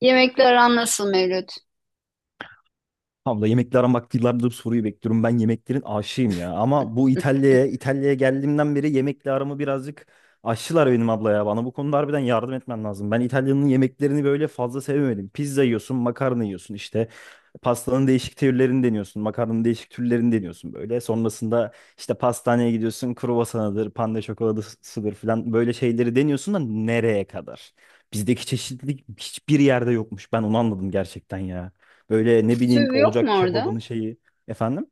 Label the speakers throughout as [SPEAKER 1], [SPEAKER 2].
[SPEAKER 1] Yemekler aran nasıl Mevlüt?
[SPEAKER 2] Abla yemekle aramak yıllardır bu soruyu bekliyorum. Ben yemeklerin aşığıyım ya. Ama bu İtalya'ya geldiğimden beri yemekle aramı birazcık aşçılar benim abla ya. Bana bu konuda harbiden yardım etmen lazım. Ben İtalya'nın yemeklerini böyle fazla sevemedim. Pizza yiyorsun, makarna yiyorsun işte. Pastanın değişik türlerini deniyorsun. Makarnanın değişik türlerini deniyorsun böyle. Sonrasında işte pastaneye gidiyorsun. Kruvasanıdır, pande çokoladasıdır falan. Böyle şeyleri deniyorsun da nereye kadar? Bizdeki çeşitlilik hiçbir yerde yokmuş. Ben onu anladım gerçekten ya. Böyle ne bileyim
[SPEAKER 1] Stüv yok mu
[SPEAKER 2] olacak
[SPEAKER 1] orada?
[SPEAKER 2] kebabını şeyi. Efendim?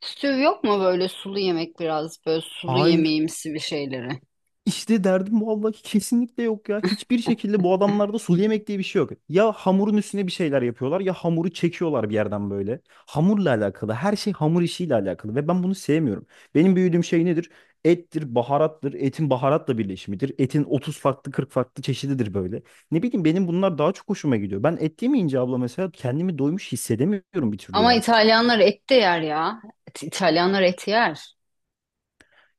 [SPEAKER 1] Stüv yok mu böyle sulu yemek biraz böyle sulu
[SPEAKER 2] Hayır.
[SPEAKER 1] yemeğimsi bir şeyleri?
[SPEAKER 2] İşte derdim vallahi ki kesinlikle yok ya. Hiçbir şekilde bu adamlarda sulu yemek diye bir şey yok. Ya hamurun üstüne bir şeyler yapıyorlar ya hamuru çekiyorlar bir yerden böyle. Hamurla alakalı. Her şey hamur işiyle alakalı ve ben bunu sevmiyorum. Benim büyüdüğüm şey nedir? Ettir, baharattır, etin baharatla birleşimidir. Etin 30 farklı 40 farklı çeşididir böyle. Ne bileyim benim bunlar daha çok hoşuma gidiyor. Ben et yemeyince abla mesela kendimi doymuş hissedemiyorum bir türlü
[SPEAKER 1] Ama
[SPEAKER 2] ya.
[SPEAKER 1] İtalyanlar et de yer ya. İtalyanlar et yer.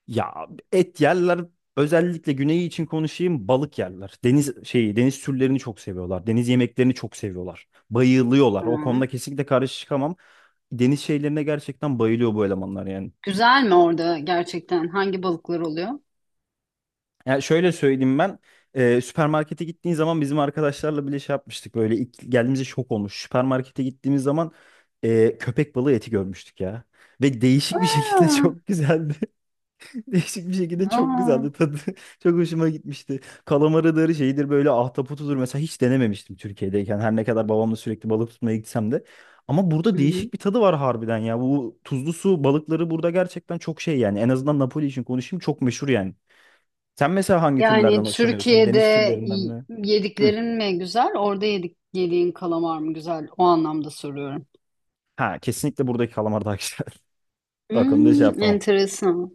[SPEAKER 2] Ya et yerler özellikle güneyi için konuşayım balık yerler. Deniz şeyi deniz türlerini çok seviyorlar. Deniz yemeklerini çok seviyorlar. Bayılıyorlar. O
[SPEAKER 1] Tamam.
[SPEAKER 2] konuda kesinlikle karşı çıkamam. Deniz şeylerine gerçekten bayılıyor bu elemanlar yani.
[SPEAKER 1] Güzel mi orada gerçekten? Hangi balıklar oluyor?
[SPEAKER 2] Yani şöyle söyleyeyim ben süpermarkete gittiğin zaman bizim arkadaşlarla bile şey yapmıştık böyle ilk geldiğimizde şok olmuş. Süpermarkete gittiğimiz zaman köpek balığı eti görmüştük ya. Ve değişik bir şekilde
[SPEAKER 1] Aa,
[SPEAKER 2] çok güzeldi. Değişik bir şekilde çok
[SPEAKER 1] aa.
[SPEAKER 2] güzeldi tadı. Çok hoşuma gitmişti. Kalamarıdır, şeyidir böyle ahtapotudur. Mesela hiç denememiştim Türkiye'deyken. Her ne kadar babamla sürekli balık tutmaya gitsem de. Ama burada
[SPEAKER 1] Hı hı.
[SPEAKER 2] değişik bir tadı var harbiden ya. Bu tuzlu su balıkları burada gerçekten çok şey yani. En azından Napoli için konuşayım çok meşhur yani. Sen mesela hangi
[SPEAKER 1] Yani
[SPEAKER 2] türlerden hoşlanıyorsun?
[SPEAKER 1] Türkiye'de
[SPEAKER 2] Deniz türlerinden mi? Hı.
[SPEAKER 1] yediklerin mi güzel? Orada yediğin kalamar mı güzel? O anlamda soruyorum.
[SPEAKER 2] Ha, kesinlikle buradaki kalamar daha güzel. Bak onu da şey
[SPEAKER 1] Hmm,
[SPEAKER 2] yapamam.
[SPEAKER 1] enteresan.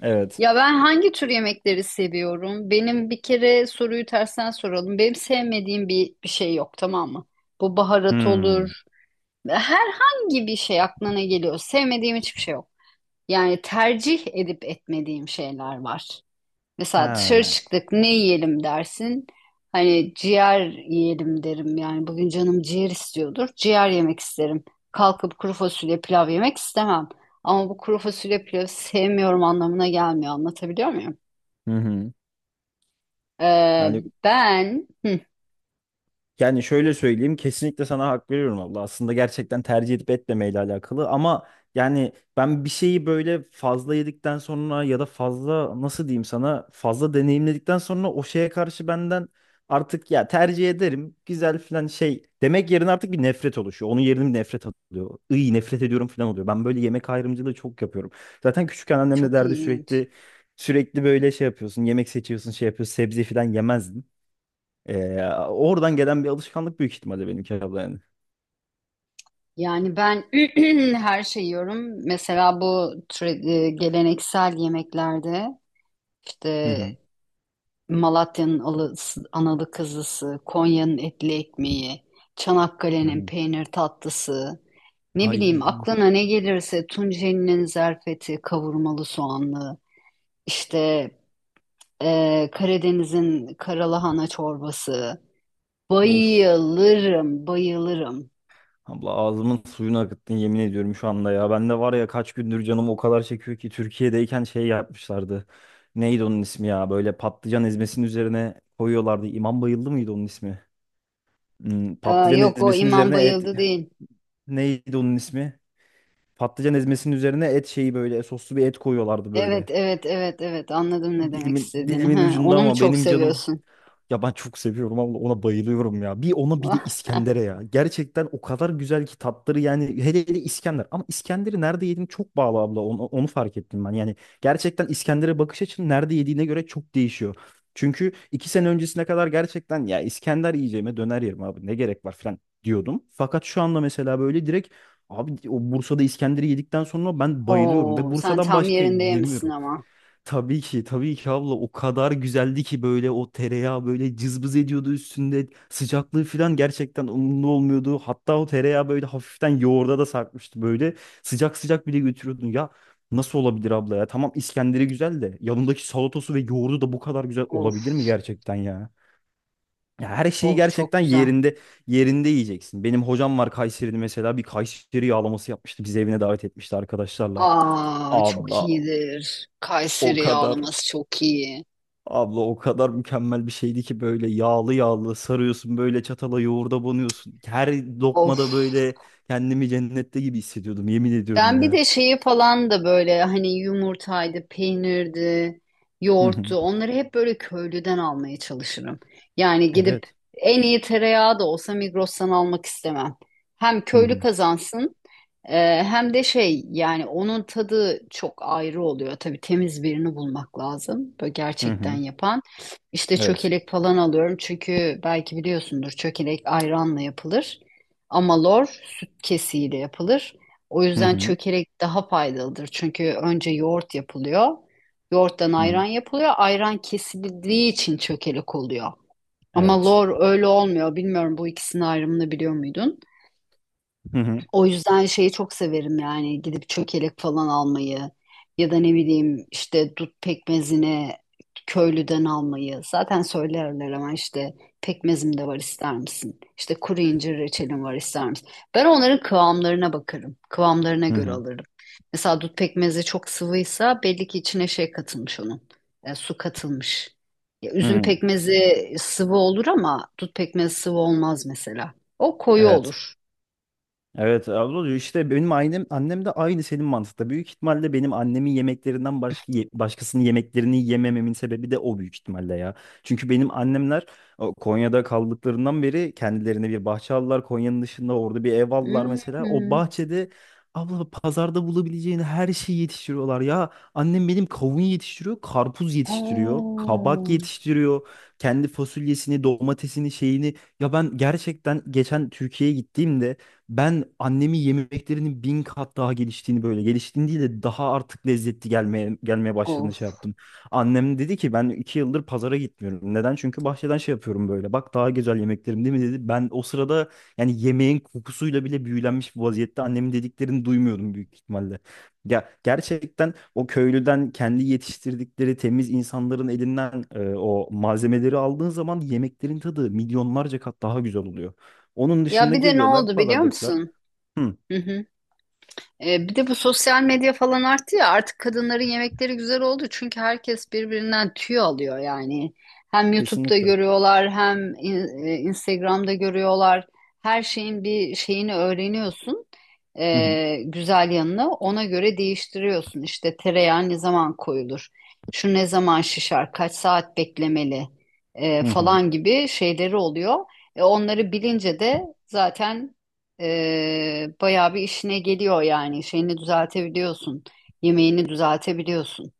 [SPEAKER 2] Evet.
[SPEAKER 1] Ya ben hangi tür yemekleri seviyorum? Benim bir kere soruyu tersten soralım. Benim sevmediğim bir şey yok, tamam mı? Bu baharat
[SPEAKER 2] Hmm.
[SPEAKER 1] olur. Herhangi bir şey aklına ne geliyor. Sevmediğim hiçbir şey yok. Yani tercih edip etmediğim şeyler var. Mesela dışarı
[SPEAKER 2] Ha.
[SPEAKER 1] çıktık ne yiyelim dersin. Hani ciğer yiyelim derim. Yani bugün canım ciğer istiyordur. Ciğer yemek isterim. Kalkıp kuru fasulye pilav yemek istemem. Ama bu kuru fasulye pilavı sevmiyorum anlamına gelmiyor. Anlatabiliyor muyum?
[SPEAKER 2] Hı hı.
[SPEAKER 1] Ee,
[SPEAKER 2] Yani
[SPEAKER 1] ben Hı,
[SPEAKER 2] Yani şöyle söyleyeyim kesinlikle sana hak veriyorum abla. Aslında gerçekten tercih edip etmemeyle alakalı ama yani ben bir şeyi böyle fazla yedikten sonra ya da fazla nasıl diyeyim sana fazla deneyimledikten sonra o şeye karşı benden artık ya tercih ederim güzel filan şey demek yerine artık bir nefret oluşuyor. Onun yerine bir nefret alıyor. İyi nefret ediyorum filan oluyor. Ben böyle yemek ayrımcılığı çok yapıyorum. Zaten küçükken annem de
[SPEAKER 1] çok
[SPEAKER 2] derdi
[SPEAKER 1] ilginç.
[SPEAKER 2] sürekli sürekli böyle şey yapıyorsun yemek seçiyorsun şey yapıyorsun sebze filan yemezdin. Ee, oradan gelen bir alışkanlık büyük ihtimalle benimki abla yani.
[SPEAKER 1] Yani ben her şeyi yiyorum. Mesela bu geleneksel yemeklerde
[SPEAKER 2] Hı
[SPEAKER 1] işte
[SPEAKER 2] hı.
[SPEAKER 1] Malatya'nın alısı, analı kızısı, Konya'nın etli ekmeği,
[SPEAKER 2] Hı
[SPEAKER 1] Çanakkale'nin
[SPEAKER 2] hı.
[SPEAKER 1] peynir tatlısı, ne bileyim
[SPEAKER 2] Ay,
[SPEAKER 1] aklına ne gelirse Tunceli'nin zerfeti, kavurmalı soğanlı, işte Karadeniz'in karalahana çorbası.
[SPEAKER 2] of.
[SPEAKER 1] Bayılırım, bayılırım.
[SPEAKER 2] Abla ağzımın suyunu akıttın yemin ediyorum şu anda ya. Ben de var ya kaç gündür canım o kadar çekiyor ki Türkiye'deyken şey yapmışlardı. Neydi onun ismi ya? Böyle patlıcan ezmesinin üzerine koyuyorlardı. İmam Bayıldı mıydı onun ismi?
[SPEAKER 1] Aa,
[SPEAKER 2] Patlıcan
[SPEAKER 1] yok o
[SPEAKER 2] ezmesinin
[SPEAKER 1] İmam
[SPEAKER 2] üzerine et
[SPEAKER 1] Bayıldı değil.
[SPEAKER 2] neydi onun ismi? Patlıcan ezmesinin üzerine et şeyi böyle soslu bir et koyuyorlardı böyle.
[SPEAKER 1] Evet, evet, evet, evet, anladım ne demek
[SPEAKER 2] Dilimin
[SPEAKER 1] istediğini.
[SPEAKER 2] dilimin
[SPEAKER 1] Ha,
[SPEAKER 2] ucunda
[SPEAKER 1] onu mu
[SPEAKER 2] ama
[SPEAKER 1] çok
[SPEAKER 2] benim canım.
[SPEAKER 1] seviyorsun?
[SPEAKER 2] Ya ben çok seviyorum abla ona bayılıyorum ya. Bir ona bir de İskender'e ya. Gerçekten o kadar güzel ki tatları yani hele hele İskender. Ama İskender'i nerede yediğim çok bağlı abla onu fark ettim ben. Yani gerçekten İskender'e bakış açın nerede yediğine göre çok değişiyor. Çünkü 2 sene öncesine kadar gerçekten ya İskender yiyeceğime döner yerim abi ne gerek var falan diyordum. Fakat şu anda mesela böyle direkt abi o Bursa'da İskender'i yedikten sonra ben bayılıyorum ve
[SPEAKER 1] Oo, sen
[SPEAKER 2] Bursa'dan
[SPEAKER 1] tam
[SPEAKER 2] başka
[SPEAKER 1] yerinde yemişsin
[SPEAKER 2] yemiyorum.
[SPEAKER 1] ama.
[SPEAKER 2] Tabii ki, tabii ki abla o kadar güzeldi ki böyle o tereyağı böyle cızbız ediyordu üstünde. Sıcaklığı falan gerçekten umurunda olmuyordu. Hatta o tereyağı böyle hafiften yoğurda da sarkmıştı böyle. Sıcak sıcak bile götürüyordun. Ya nasıl olabilir abla ya? Tamam İskender'i güzel de yanındaki salatası ve yoğurdu da bu kadar güzel
[SPEAKER 1] Of,
[SPEAKER 2] olabilir mi gerçekten ya? Ya her şeyi
[SPEAKER 1] of çok
[SPEAKER 2] gerçekten
[SPEAKER 1] güzel.
[SPEAKER 2] yerinde yerinde yiyeceksin. Benim hocam var Kayseri'de mesela bir Kayseri yağlaması yapmıştı. Bizi evine davet etmişti arkadaşlarla.
[SPEAKER 1] Aa, çok
[SPEAKER 2] Abla
[SPEAKER 1] iyidir.
[SPEAKER 2] o
[SPEAKER 1] Kayseri
[SPEAKER 2] kadar
[SPEAKER 1] yağlaması çok iyi.
[SPEAKER 2] Abla o kadar mükemmel bir şeydi ki böyle yağlı yağlı sarıyorsun böyle çatala yoğurda banıyorsun. Her
[SPEAKER 1] Of.
[SPEAKER 2] lokmada böyle kendimi cennette gibi hissediyordum yemin ediyorum
[SPEAKER 1] Ben bir
[SPEAKER 2] ya.
[SPEAKER 1] de şeyi falan da böyle hani yumurtaydı, peynirdi,
[SPEAKER 2] Hı hı.
[SPEAKER 1] yoğurttu. Onları hep böyle köylüden almaya çalışırım. Yani gidip
[SPEAKER 2] Evet.
[SPEAKER 1] en iyi tereyağı da olsa Migros'tan almak istemem. Hem
[SPEAKER 2] Hı
[SPEAKER 1] köylü
[SPEAKER 2] hı.
[SPEAKER 1] kazansın hem de şey yani onun tadı çok ayrı oluyor. Tabii temiz birini bulmak lazım. Böyle
[SPEAKER 2] Hı
[SPEAKER 1] gerçekten
[SPEAKER 2] hı.
[SPEAKER 1] yapan. İşte
[SPEAKER 2] Evet.
[SPEAKER 1] çökelek falan alıyorum. Çünkü belki biliyorsundur çökelek ayranla yapılır. Ama lor süt kesiğiyle yapılır. O
[SPEAKER 2] Hı
[SPEAKER 1] yüzden
[SPEAKER 2] hı.
[SPEAKER 1] çökelek daha faydalıdır. Çünkü önce yoğurt yapılıyor. Yoğurttan
[SPEAKER 2] Hı hı.
[SPEAKER 1] ayran yapılıyor. Ayran kesildiği için çökelek oluyor. Ama
[SPEAKER 2] Evet.
[SPEAKER 1] lor öyle olmuyor. Bilmiyorum, bu ikisinin ayrımını biliyor muydun?
[SPEAKER 2] Hı hı.
[SPEAKER 1] O yüzden şeyi çok severim yani gidip çökelek falan almayı ya da ne bileyim işte dut pekmezine köylüden almayı. Zaten söylerler ama işte pekmezim de var, ister misin? İşte kuru incir reçelim var, ister misin? Ben onların kıvamlarına bakarım. Kıvamlarına
[SPEAKER 2] Hı
[SPEAKER 1] göre
[SPEAKER 2] hı.
[SPEAKER 1] alırım. Mesela dut pekmezi çok sıvıysa belli ki içine şey katılmış onun. Su katılmış. Ya,
[SPEAKER 2] Hı
[SPEAKER 1] üzüm
[SPEAKER 2] hı.
[SPEAKER 1] pekmezi sıvı olur ama dut pekmezi sıvı olmaz mesela. O koyu
[SPEAKER 2] Evet.
[SPEAKER 1] olur.
[SPEAKER 2] Evet abla işte benim annem de aynı senin mantıkta. Büyük ihtimalle benim annemin yemeklerinden başka ye- başkasının yemeklerini yemememin sebebi de o büyük ihtimalle ya. Çünkü benim annemler Konya'da kaldıklarından beri kendilerine bir bahçe aldılar. Konya'nın dışında orada bir ev aldılar mesela. O
[SPEAKER 1] Hmm.
[SPEAKER 2] bahçede abla pazarda bulabileceğin her şeyi yetiştiriyorlar ya. Annem benim kavun yetiştiriyor, karpuz yetiştiriyor, kabak
[SPEAKER 1] Oo,
[SPEAKER 2] yetiştiriyor. Kendi fasulyesini, domatesini, şeyini. Ya ben gerçekten geçen Türkiye'ye gittiğimde ben annemin yemeklerinin 1.000 kat daha geliştiğini böyle geliştiğini değil de daha artık lezzetli gelmeye
[SPEAKER 1] of.
[SPEAKER 2] başladığını şey yaptım. Annem dedi ki ben 2 yıldır pazara gitmiyorum. Neden? Çünkü bahçeden şey yapıyorum böyle. Bak daha güzel yemeklerim değil mi dedi. Ben o sırada yani yemeğin kokusuyla bile büyülenmiş bir vaziyette annemin dediklerini duymuyordum büyük ihtimalle. Ya gerçekten o köylüden kendi yetiştirdikleri temiz insanların elinden o malzemeleri aldığın zaman yemeklerin tadı milyonlarca kat daha güzel oluyor. Onun
[SPEAKER 1] Ya
[SPEAKER 2] dışında
[SPEAKER 1] bir de ne
[SPEAKER 2] geliyorlar
[SPEAKER 1] oldu biliyor
[SPEAKER 2] pazardakiler.
[SPEAKER 1] musun?
[SPEAKER 2] Hı,
[SPEAKER 1] Hı hı. Bir de bu sosyal medya falan arttı ya, artık kadınların yemekleri güzel oldu çünkü herkes birbirinden tüy alıyor yani. Hem YouTube'da
[SPEAKER 2] kesinlikle.
[SPEAKER 1] görüyorlar hem Instagram'da görüyorlar. Her şeyin bir şeyini öğreniyorsun.
[SPEAKER 2] Hı hı.
[SPEAKER 1] Güzel yanını ona göre değiştiriyorsun. İşte tereyağı ne zaman koyulur? Şu ne zaman şişer? Kaç saat beklemeli?
[SPEAKER 2] Hı hı.
[SPEAKER 1] Falan gibi şeyleri oluyor. Onları bilince de zaten bayağı bir işine geliyor yani. Şeyini düzeltebiliyorsun. Yemeğini düzeltebiliyorsun.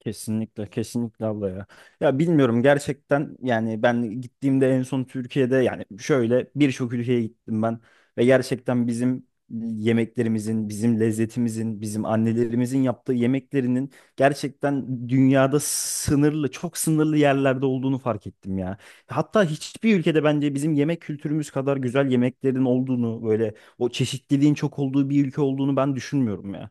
[SPEAKER 2] Kesinlikle, kesinlikle abla ya. Ya bilmiyorum gerçekten yani ben gittiğimde en son Türkiye'de yani şöyle birçok ülkeye gittim ben ve gerçekten bizim yemeklerimizin, bizim lezzetimizin, bizim annelerimizin yaptığı yemeklerinin gerçekten dünyada sınırlı, çok sınırlı yerlerde olduğunu fark ettim ya. Hatta hiçbir ülkede bence bizim yemek kültürümüz kadar güzel yemeklerin olduğunu, böyle o çeşitliliğin çok olduğu bir ülke olduğunu ben düşünmüyorum ya.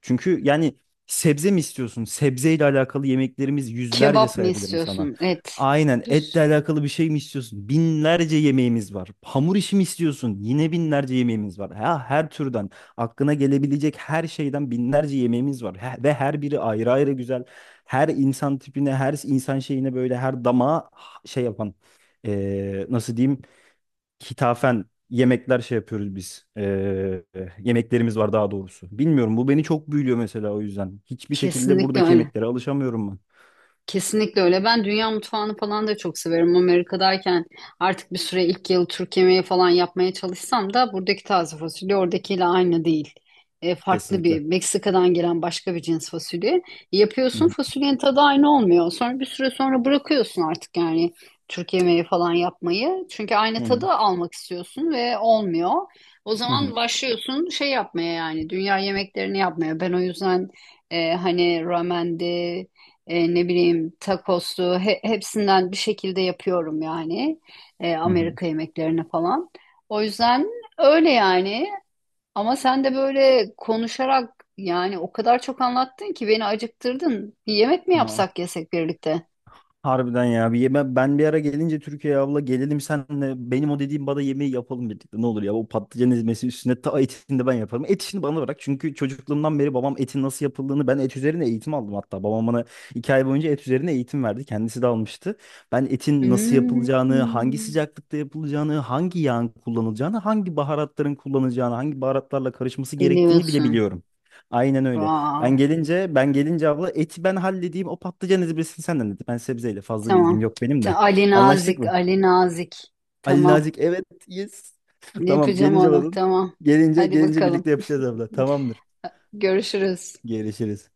[SPEAKER 2] Çünkü yani sebze mi istiyorsun? Sebzeyle alakalı yemeklerimiz yüzlerce
[SPEAKER 1] Kebap mı
[SPEAKER 2] sayabilirim sana.
[SPEAKER 1] istiyorsun? Et.
[SPEAKER 2] Aynen
[SPEAKER 1] Bir
[SPEAKER 2] etle
[SPEAKER 1] sürü.
[SPEAKER 2] alakalı bir şey mi istiyorsun? Binlerce yemeğimiz var. Hamur işi mi istiyorsun? Yine binlerce yemeğimiz var. Ha, her türden aklına gelebilecek her şeyden binlerce yemeğimiz var. Ve her biri ayrı ayrı güzel. Her insan tipine, her insan şeyine böyle her damağa şey yapan. Nasıl diyeyim? Hitafen yemekler şey yapıyoruz biz. Yemeklerimiz var daha doğrusu. Bilmiyorum bu beni çok büyülüyor mesela o yüzden. Hiçbir şekilde
[SPEAKER 1] Kesinlikle
[SPEAKER 2] buradaki
[SPEAKER 1] öyle.
[SPEAKER 2] yemeklere alışamıyorum ben.
[SPEAKER 1] Kesinlikle öyle. Ben dünya mutfağını falan da çok severim. Amerika'dayken artık bir süre, ilk yıl Türk yemeği falan yapmaya çalışsam da buradaki taze fasulye oradakiyle aynı değil. Farklı
[SPEAKER 2] Kesinlikle.
[SPEAKER 1] bir, Meksika'dan gelen başka bir cins fasulye.
[SPEAKER 2] Hı
[SPEAKER 1] Yapıyorsun,
[SPEAKER 2] hı.
[SPEAKER 1] fasulyenin tadı aynı olmuyor. Sonra bir süre sonra bırakıyorsun artık yani Türk yemeği falan yapmayı. Çünkü aynı
[SPEAKER 2] Hı
[SPEAKER 1] tadı
[SPEAKER 2] hı.
[SPEAKER 1] almak istiyorsun ve olmuyor. O
[SPEAKER 2] Hı
[SPEAKER 1] zaman
[SPEAKER 2] hı.
[SPEAKER 1] başlıyorsun şey yapmaya yani dünya yemeklerini yapmaya. Ben o yüzden hani ramendi, ne bileyim takoslu, hepsinden bir şekilde yapıyorum yani
[SPEAKER 2] Hı hı.
[SPEAKER 1] Amerika yemeklerini falan. O yüzden öyle yani, ama sen de böyle konuşarak yani o kadar çok anlattın ki beni acıktırdın. Bir yemek mi
[SPEAKER 2] Aa,
[SPEAKER 1] yapsak, yesek birlikte?
[SPEAKER 2] harbiden ya. Bir yeme, ben bir ara gelince Türkiye'ye abla gelelim senle benim o dediğim bana yemeği yapalım birlikte. Ne olur ya o patlıcan ezmesi üstüne ta etini de ben yaparım. Et işini bana bırak. Çünkü çocukluğumdan beri babam etin nasıl yapıldığını ben et üzerine eğitim aldım hatta. Babam bana 2 ay boyunca et üzerine eğitim verdi. Kendisi de almıştı. Ben etin nasıl
[SPEAKER 1] Hmm,
[SPEAKER 2] yapılacağını, hangi sıcaklıkta yapılacağını, hangi yağın kullanılacağını, hangi baharatların kullanılacağını, hangi baharatlarla karışması gerektiğini bile
[SPEAKER 1] dinliyorsun.
[SPEAKER 2] biliyorum. Aynen öyle. Ben
[SPEAKER 1] Wow.
[SPEAKER 2] gelince ben gelince abla eti ben halledeyim o patlıcan ezbesini senden dedi. Ben sebzeyle fazla bir ilgim
[SPEAKER 1] Tamam.
[SPEAKER 2] yok benim de.
[SPEAKER 1] Ali
[SPEAKER 2] Anlaştık
[SPEAKER 1] Nazik,
[SPEAKER 2] mı?
[SPEAKER 1] Ali Nazik.
[SPEAKER 2] Ali
[SPEAKER 1] Tamam.
[SPEAKER 2] Nazik evet yes. Tamam
[SPEAKER 1] Yapacağım
[SPEAKER 2] gelince
[SPEAKER 1] onu.
[SPEAKER 2] bakın.
[SPEAKER 1] Tamam.
[SPEAKER 2] Gelince
[SPEAKER 1] Hadi
[SPEAKER 2] gelince
[SPEAKER 1] bakalım.
[SPEAKER 2] birlikte yapacağız abla. Tamamdır.
[SPEAKER 1] Görüşürüz.
[SPEAKER 2] Görüşürüz.